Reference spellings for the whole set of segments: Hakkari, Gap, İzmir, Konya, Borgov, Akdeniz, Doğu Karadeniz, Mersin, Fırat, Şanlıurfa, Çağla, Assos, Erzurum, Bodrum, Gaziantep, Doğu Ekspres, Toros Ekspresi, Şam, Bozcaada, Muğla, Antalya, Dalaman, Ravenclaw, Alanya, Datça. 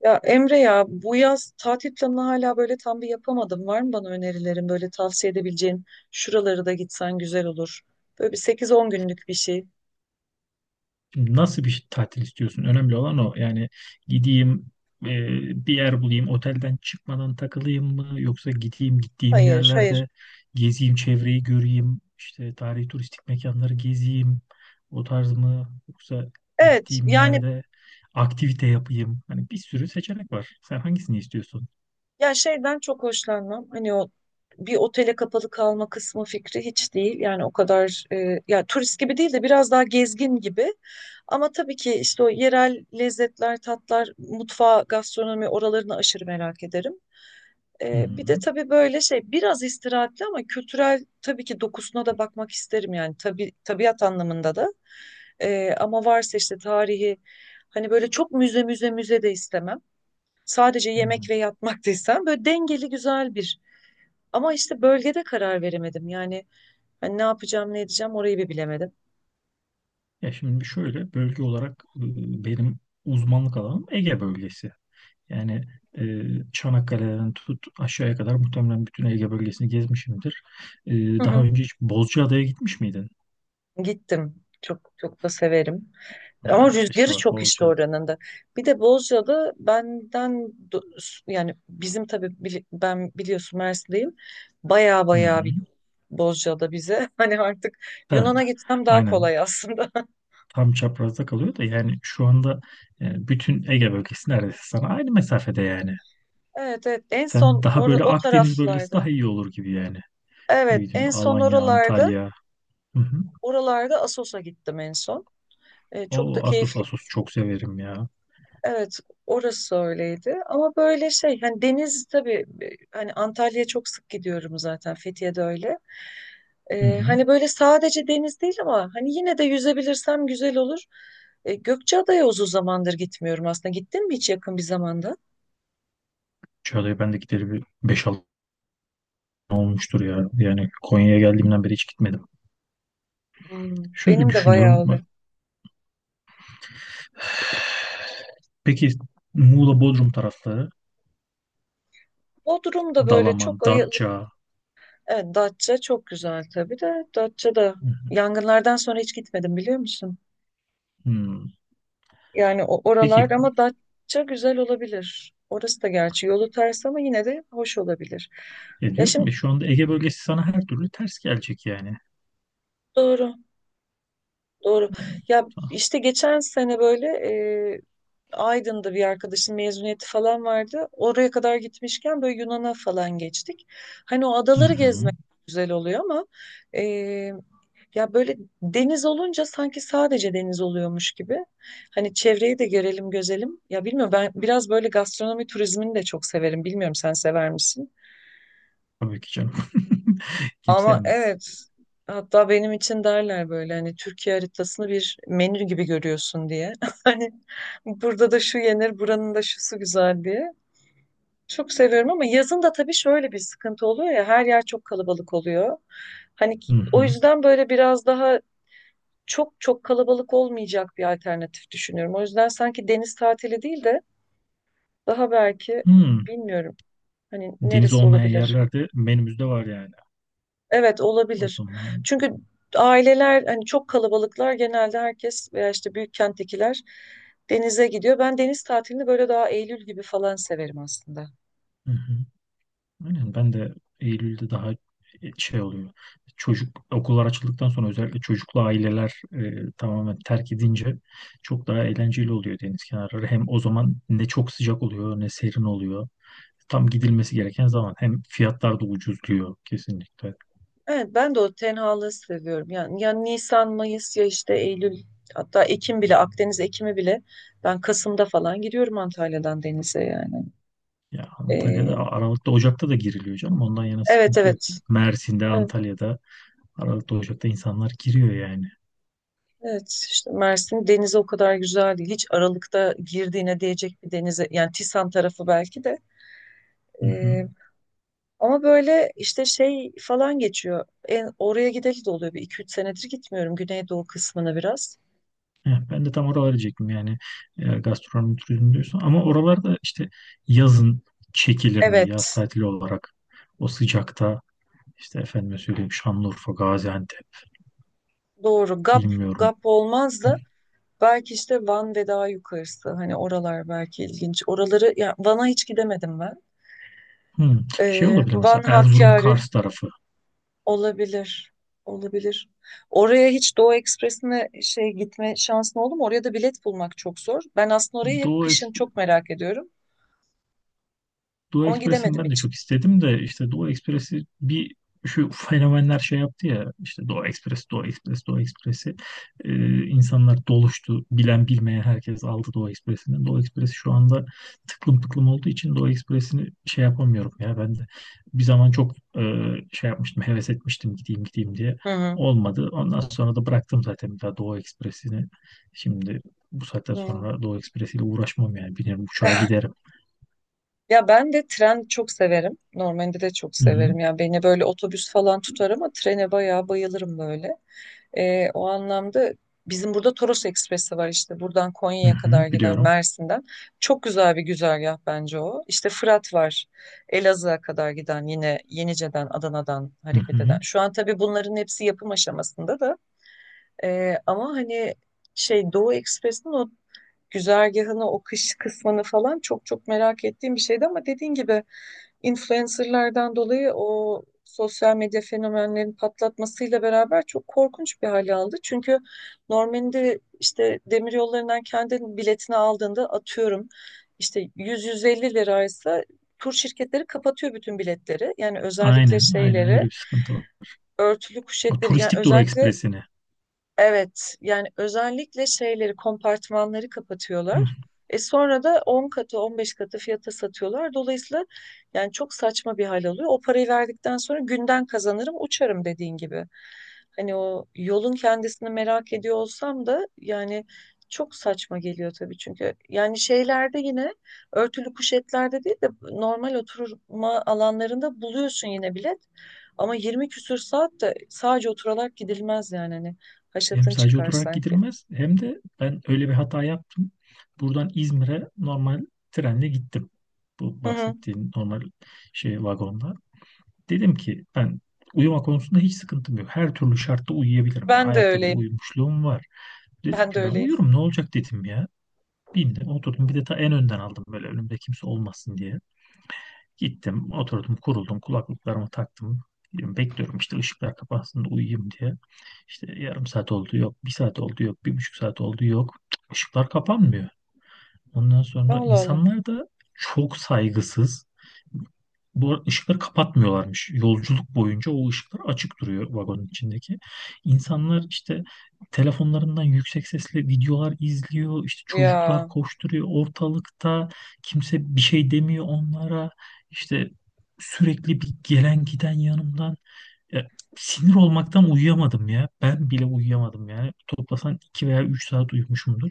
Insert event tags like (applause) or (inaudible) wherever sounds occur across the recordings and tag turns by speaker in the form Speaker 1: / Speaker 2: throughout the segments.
Speaker 1: Ya Emre ya bu yaz tatil planını hala böyle tam bir yapamadım. Var mı bana önerilerin böyle tavsiye edebileceğin? Şuraları da gitsen güzel olur. Böyle bir 8-10 günlük bir şey.
Speaker 2: Şimdi nasıl bir tatil istiyorsun? Önemli olan o. Yani gideyim e, bir yer bulayım, otelden çıkmadan takılayım mı? Yoksa gideyim gittiğim
Speaker 1: Hayır, hayır.
Speaker 2: yerlerde gezeyim, çevreyi göreyim, işte tarihi turistik mekanları gezeyim. O tarz mı? Yoksa
Speaker 1: Evet
Speaker 2: gittiğim
Speaker 1: yani
Speaker 2: yerde aktivite yapayım. Hani bir sürü seçenek var. Sen hangisini istiyorsun?
Speaker 1: ya şeyden çok hoşlanmam. Hani o bir otele kapalı kalma kısmı fikri hiç değil. Yani o kadar ya turist gibi değil de biraz daha gezgin gibi. Ama tabii ki işte o yerel lezzetler, tatlar, mutfağı, gastronomi oralarını aşırı merak ederim.
Speaker 2: Hı hı.
Speaker 1: Bir de tabii böyle şey biraz istirahatli ama kültürel tabii ki dokusuna da bakmak isterim yani tabii tabiat anlamında da. Ama varsa işte tarihi hani böyle çok müze müze müze de istemem. Sadece
Speaker 2: Hı.
Speaker 1: yemek ve yatmak (laughs) da istemem. Böyle dengeli güzel bir. Ama işte bölgede karar veremedim. Yani hani ne yapacağım ne edeceğim orayı bir bilemedim.
Speaker 2: Ya şimdi şöyle bölge olarak benim uzmanlık alanım Ege bölgesi. Yani e, Çanakkale'den tut aşağıya kadar muhtemelen bütün Ege bölgesini gezmişimdir. E,
Speaker 1: Hı
Speaker 2: Daha
Speaker 1: hı.
Speaker 2: önce hiç Bozcaada'ya gitmiş miydin?
Speaker 1: Gittim. Çok çok da severim. Ama
Speaker 2: Ha,
Speaker 1: rüzgarı
Speaker 2: işte bak
Speaker 1: çok işte
Speaker 2: Bozcaada.
Speaker 1: oranın da. Bir de Bozcaada benden do- yani bizim tabii ben biliyorsun Mersin'deyim. Baya
Speaker 2: Hı
Speaker 1: baya
Speaker 2: hı.
Speaker 1: bir Bozcaada bize. (laughs) Hani artık
Speaker 2: Evet.
Speaker 1: Yunan'a gitsem daha
Speaker 2: Aynen.
Speaker 1: kolay aslında. (laughs)
Speaker 2: Tam çaprazda kalıyor da yani şu anda bütün Ege bölgesi neredeyse sana aynı mesafede yani.
Speaker 1: Evet evet, en son
Speaker 2: Sen daha böyle
Speaker 1: o
Speaker 2: Akdeniz bölgesi
Speaker 1: taraflarda.
Speaker 2: daha iyi olur gibi yani. Ne
Speaker 1: Evet, en
Speaker 2: bileyim
Speaker 1: son
Speaker 2: Alanya,
Speaker 1: oralarda
Speaker 2: Antalya. Hı hı.
Speaker 1: oralarda Assos'a gittim en son. Çok da
Speaker 2: O Assos,
Speaker 1: keyifli.
Speaker 2: Assos çok severim ya.
Speaker 1: Evet, orası öyleydi. Ama böyle şey, hani deniz tabii, hani Antalya'ya çok sık gidiyorum zaten, Fethiye'de öyle.
Speaker 2: Hı hı.
Speaker 1: Hani böyle sadece deniz değil ama hani yine de yüzebilirsem güzel olur. Gökçeada'ya uzun zamandır gitmiyorum aslında. Gittin mi hiç yakın bir zamanda?
Speaker 2: Çağla'ya ben de gideri bir 5-6 olmuştur ya. Yani Konya'ya geldiğimden beri hiç gitmedim. Şöyle
Speaker 1: Benim de bayağı
Speaker 2: düşünüyorum.
Speaker 1: oluyor.
Speaker 2: Bak, peki Muğla, Bodrum tarafları,
Speaker 1: Bodrum da böyle
Speaker 2: Dalaman,
Speaker 1: çok ayılıp,
Speaker 2: Datça.
Speaker 1: evet Datça çok güzel tabii de. Datça da
Speaker 2: Hı hı.
Speaker 1: yangınlardan sonra hiç gitmedim biliyor musun?
Speaker 2: Hmm.
Speaker 1: Yani o
Speaker 2: Peki
Speaker 1: oralar ama Datça güzel olabilir. Orası da gerçi yolu ters ama yine de hoş olabilir.
Speaker 2: ya
Speaker 1: Ya
Speaker 2: diyorum
Speaker 1: şimdi
Speaker 2: ya şu anda Ege bölgesi sana her türlü ters gelecek yani.
Speaker 1: doğru. Doğru.
Speaker 2: Hmm.
Speaker 1: Ya işte geçen sene böyle e, Aydın'da bir arkadaşın mezuniyeti falan vardı. Oraya kadar gitmişken böyle Yunan'a falan geçtik. Hani o
Speaker 2: Hı
Speaker 1: adaları
Speaker 2: hı.
Speaker 1: gezmek güzel oluyor ama e, ya böyle deniz olunca sanki sadece deniz oluyormuş gibi. Hani çevreyi de görelim gözelim. Ya bilmiyorum, ben biraz böyle gastronomi turizmini de çok severim. Bilmiyorum, sen sever misin?
Speaker 2: Tabii ki canım. (laughs) Kimse
Speaker 1: Ama
Speaker 2: yemez.
Speaker 1: evet, hatta benim için derler böyle hani Türkiye haritasını bir menü gibi görüyorsun diye. (laughs) Hani burada da şu yenir, buranın da şusu güzel diye. Çok seviyorum ama yazın da tabii şöyle bir sıkıntı oluyor ya, her yer çok kalabalık oluyor. Hani
Speaker 2: Hı
Speaker 1: o
Speaker 2: hı.
Speaker 1: yüzden böyle biraz daha çok çok kalabalık olmayacak bir alternatif düşünüyorum. O yüzden sanki deniz tatili değil de daha belki
Speaker 2: Hmm.
Speaker 1: bilmiyorum, hani
Speaker 2: Deniz
Speaker 1: neresi
Speaker 2: olmayan
Speaker 1: olabilir?
Speaker 2: yerlerde menümüzde var yani.
Speaker 1: Evet
Speaker 2: O
Speaker 1: olabilir.
Speaker 2: zaman.
Speaker 1: Çünkü aileler hani çok kalabalıklar genelde, herkes veya işte büyük kenttekiler denize gidiyor. Ben deniz tatilini böyle daha Eylül gibi falan severim aslında.
Speaker 2: Hı hı. Aynen ben de Eylül'de daha şey oluyor. Çocuk okullar açıldıktan sonra özellikle çocuklu aileler tamamen terk edince çok daha eğlenceli oluyor deniz kenarları. Hem o zaman ne çok sıcak oluyor ne serin oluyor. Tam gidilmesi gereken zaman, hem fiyatlar da ucuzluyor kesinlikle.
Speaker 1: Evet, ben de o tenhalığı seviyorum. Yani ya Nisan, Mayıs ya işte Eylül, hatta Ekim bile, Akdeniz Ekimi bile, ben Kasım'da falan gidiyorum Antalya'dan denize yani.
Speaker 2: Ya Antalya'da
Speaker 1: Ee,
Speaker 2: Aralık'ta, Ocak'ta da giriliyor canım. Ondan yana
Speaker 1: evet
Speaker 2: sıkıntı yok.
Speaker 1: evet.
Speaker 2: Mersin'de,
Speaker 1: Evet,
Speaker 2: Antalya'da Aralık'ta, Ocak'ta insanlar giriyor yani.
Speaker 1: evet. işte Mersin denizi o kadar güzel değil. Hiç Aralık'ta girdiğine değecek bir denize, yani Tisan tarafı belki de.
Speaker 2: Hı hı.
Speaker 1: Ee, Ama böyle işte şey falan geçiyor. Oraya gideli de oluyor. Bir iki üç senedir gitmiyorum Güneydoğu kısmına biraz.
Speaker 2: Heh, ben de tam oraları diyecektim yani gastronomi turizmi diyorsun. Ama oralarda işte yazın çekilir mi yaz
Speaker 1: Evet
Speaker 2: tatili olarak o sıcakta, işte efendime söyleyeyim, Şanlıurfa, Gaziantep,
Speaker 1: doğru, GAP.
Speaker 2: bilmiyorum.
Speaker 1: GAP olmaz da belki işte Van ve daha yukarısı. Hani oralar belki ilginç. Oraları, ya Van'a hiç gidemedim ben.
Speaker 2: Hmm. Şey olabilir
Speaker 1: Van,
Speaker 2: mesela Erzurum,
Speaker 1: Hakkari
Speaker 2: Kars tarafı.
Speaker 1: olabilir. Olabilir. Oraya hiç Doğu Ekspresi'ne şey, gitme şansın oldu mu? Oraya da bilet bulmak çok zor. Ben aslında orayı hep
Speaker 2: Doğu
Speaker 1: kışın çok merak ediyorum.
Speaker 2: Doğu
Speaker 1: Ama
Speaker 2: Ekspres'ini
Speaker 1: gidemedim
Speaker 2: ben de
Speaker 1: hiç.
Speaker 2: çok istedim de işte Doğu Ekspres'i bir, şu fenomenler şey yaptı ya, işte Doğu Ekspres, Doğu Ekspres, Doğu Ekspres'i. İnsanlar doluştu. Bilen bilmeyen herkes aldı Doğu Ekspres'ini. Doğu Ekspres'i şu anda tıklım tıklım olduğu için Doğu Ekspres'ini şey yapamıyorum ya ben de. Bir zaman çok şey yapmıştım, heves etmiştim gideyim gideyim diye.
Speaker 1: Hı hı.
Speaker 2: Olmadı. Ondan sonra da bıraktım zaten bir daha Doğu Ekspres'ini. Şimdi bu saatten
Speaker 1: Hı.
Speaker 2: sonra Doğu Ekspres'iyle uğraşmam yani. Binerim uçağa
Speaker 1: (laughs)
Speaker 2: giderim.
Speaker 1: Ya ben de tren çok severim. Normalde de çok
Speaker 2: Hı hı.
Speaker 1: severim. Ya beni böyle otobüs falan tutar ama trene bayağı bayılırım böyle. O anlamda bizim burada Toros Ekspresi var işte. Buradan
Speaker 2: Hı
Speaker 1: Konya'ya
Speaker 2: hı,
Speaker 1: kadar giden,
Speaker 2: biliyorum.
Speaker 1: Mersin'den. Çok güzel bir güzergah bence o. İşte Fırat var. Elazığ'a kadar giden yine, Yenice'den, Adana'dan
Speaker 2: Hı
Speaker 1: hareket
Speaker 2: hı.
Speaker 1: eden. Şu an tabii bunların hepsi yapım aşamasında da. Ama hani şey, Doğu Ekspresi'nin o güzergahını, o kış kısmını falan çok çok merak ettiğim bir şeydi ama dediğin gibi influencerlardan dolayı, o sosyal medya fenomenlerin patlatmasıyla beraber çok korkunç bir hale aldı. Çünkü normalde işte demir yollarından kendi biletini aldığında, atıyorum işte 100-150 liraysa, tur şirketleri kapatıyor bütün biletleri. Yani özellikle
Speaker 2: Aynen, aynen, öyle
Speaker 1: şeyleri,
Speaker 2: bir sıkıntı var.
Speaker 1: örtülü
Speaker 2: O
Speaker 1: kuşetleri, yani
Speaker 2: turistik Dura
Speaker 1: özellikle,
Speaker 2: Ekspresi'ni.
Speaker 1: evet, yani özellikle şeyleri, kompartmanları kapatıyorlar.
Speaker 2: Hı.
Speaker 1: Sonra da 10 katı, 15 katı fiyata satıyorlar. Dolayısıyla yani çok saçma bir hal alıyor. O parayı verdikten sonra günden kazanırım, uçarım dediğin gibi. Hani o yolun kendisini merak ediyor olsam da yani çok saçma geliyor tabii çünkü. Yani şeylerde yine, örtülü kuşetlerde değil de normal oturma alanlarında buluyorsun yine bilet. Ama 20 küsür saat de sadece oturarak gidilmez yani hani.
Speaker 2: Hem
Speaker 1: Haşatın
Speaker 2: sadece
Speaker 1: çıkar
Speaker 2: oturarak
Speaker 1: sanki.
Speaker 2: gidilmez, hem de ben öyle bir hata yaptım. Buradan İzmir'e normal trenle gittim. Bu
Speaker 1: Hı hı.
Speaker 2: bahsettiğin normal şey vagonda. Dedim ki ben uyuma konusunda hiç sıkıntım yok. Her türlü şartta uyuyabilirim. Yani
Speaker 1: Ben de
Speaker 2: ayakta bile
Speaker 1: öyleyim.
Speaker 2: uyumuşluğum var. Dedim
Speaker 1: Ben de
Speaker 2: ki ben
Speaker 1: öyleyim.
Speaker 2: uyurum ne olacak dedim ya. Bilmiyorum, oturdum, bir de ta en önden aldım böyle önümde kimse olmasın diye. Gittim, oturdum, kuruldum, kulaklıklarımı taktım. Diyorum, bekliyorum işte ışıklar kapansın da uyuyayım diye. İşte 0,5 saat oldu yok, bir saat oldu yok, 1,5 saat oldu yok. Cık, Işıklar kapanmıyor. Ondan sonra
Speaker 1: Allah Allah.
Speaker 2: insanlar da çok saygısız. Bu arada ışıkları kapatmıyorlarmış. Yolculuk boyunca o ışıklar açık duruyor vagonun içindeki. İnsanlar işte telefonlarından yüksek sesle videolar izliyor. İşte çocuklar
Speaker 1: Ya.
Speaker 2: koşturuyor ortalıkta. Kimse bir şey demiyor onlara. İşte sürekli bir gelen giden yanımdan. Ya, sinir olmaktan uyuyamadım ya. Ben bile uyuyamadım yani. Toplasan 2 veya 3 saat uyumuşumdur.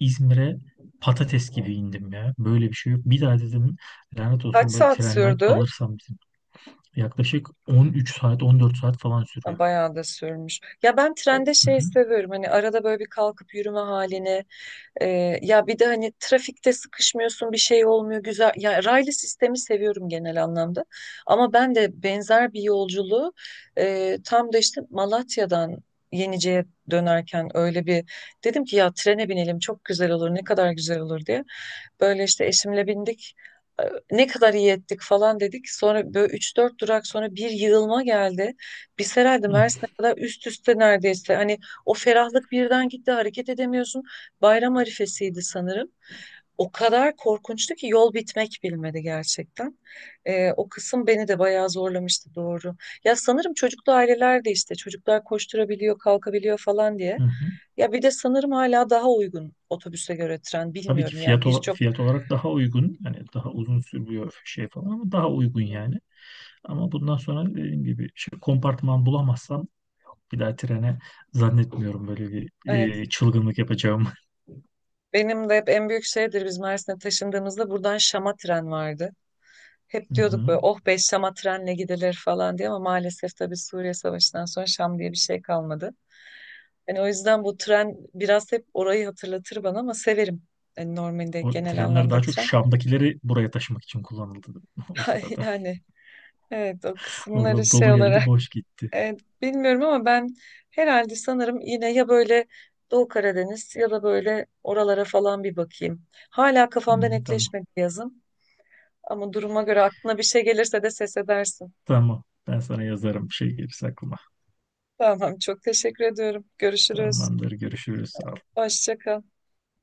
Speaker 2: İzmir'e patates gibi indim ya. Böyle bir şey yok. Bir daha dedim lanet
Speaker 1: Kaç
Speaker 2: olsun böyle
Speaker 1: saat
Speaker 2: trenden
Speaker 1: sürdü?
Speaker 2: alırsam bizim. Yaklaşık 13 saat, 14 saat falan
Speaker 1: Ha,
Speaker 2: sürüyor.
Speaker 1: bayağı da sürmüş. Ya ben trende
Speaker 2: Hı
Speaker 1: şey
Speaker 2: hı.
Speaker 1: seviyorum. Hani arada böyle bir kalkıp yürüme halini. Ya bir de hani trafikte sıkışmıyorsun, bir şey olmuyor, güzel. Ya raylı sistemi seviyorum genel anlamda. Ama ben de benzer bir yolculuğu tam da işte Malatya'dan Yenice'ye dönerken, öyle bir dedim ki ya trene binelim çok güzel olur, ne kadar güzel olur diye. Böyle işte eşimle bindik. Ee, Ne kadar iyi ettik falan dedik. Sonra böyle üç dört durak sonra bir yığılma geldi. Biz herhalde
Speaker 2: Hı
Speaker 1: Mersin'e kadar üst üste neredeyse. Hani o ferahlık birden gitti. Hareket edemiyorsun. Bayram arifesiydi sanırım. O kadar korkunçtu ki yol bitmek bilmedi gerçekten. O kısım beni de bayağı zorlamıştı, doğru. Ya sanırım çocuklu aileler de, işte çocuklar koşturabiliyor, kalkabiliyor falan diye.
Speaker 2: hı. Hı.
Speaker 1: Ya bir de sanırım hala daha uygun otobüse göre tren,
Speaker 2: Tabii ki
Speaker 1: bilmiyorum, yani
Speaker 2: fiyat,
Speaker 1: birçok,
Speaker 2: fiyat olarak daha uygun. Yani daha uzun sürüyor şey falan ama daha uygun yani. Ama bundan sonra dediğim gibi şey, kompartman bulamazsam bir daha trene zannetmiyorum böyle bir
Speaker 1: evet,
Speaker 2: çılgınlık yapacağımı.
Speaker 1: benim de hep en büyük şeydir, biz Mersin'e taşındığımızda buradan Şam'a tren vardı. Hep
Speaker 2: Hı
Speaker 1: diyorduk
Speaker 2: hı.
Speaker 1: böyle, oh be, Şam'a trenle gidilir falan diye, ama maalesef tabii Suriye Savaşı'ndan sonra Şam diye bir şey kalmadı. Yani o yüzden bu tren biraz hep orayı hatırlatır bana, ama severim. Yani normalde,
Speaker 2: O
Speaker 1: genel
Speaker 2: trenler daha
Speaker 1: anlamda,
Speaker 2: çok
Speaker 1: tren.
Speaker 2: Şam'dakileri buraya taşımak için kullanıldı (laughs) o
Speaker 1: (laughs)
Speaker 2: sırada.
Speaker 1: Yani evet o kısımları
Speaker 2: Oradan
Speaker 1: şey
Speaker 2: dolu
Speaker 1: olarak
Speaker 2: geldi, boş gitti.
Speaker 1: e, bilmiyorum ama ben herhalde sanırım yine, ya böyle Doğu Karadeniz ya da böyle oralara falan bir bakayım. Hala
Speaker 2: Hı,
Speaker 1: kafamda
Speaker 2: tamam.
Speaker 1: netleşmedi yazın, ama duruma göre aklına bir şey gelirse de ses edersin.
Speaker 2: Tamam. Ben sana yazarım bir şey gelirse aklıma.
Speaker 1: Tamam, çok teşekkür ediyorum. Görüşürüz.
Speaker 2: Tamamdır. Görüşürüz.
Speaker 1: Hoşça kal.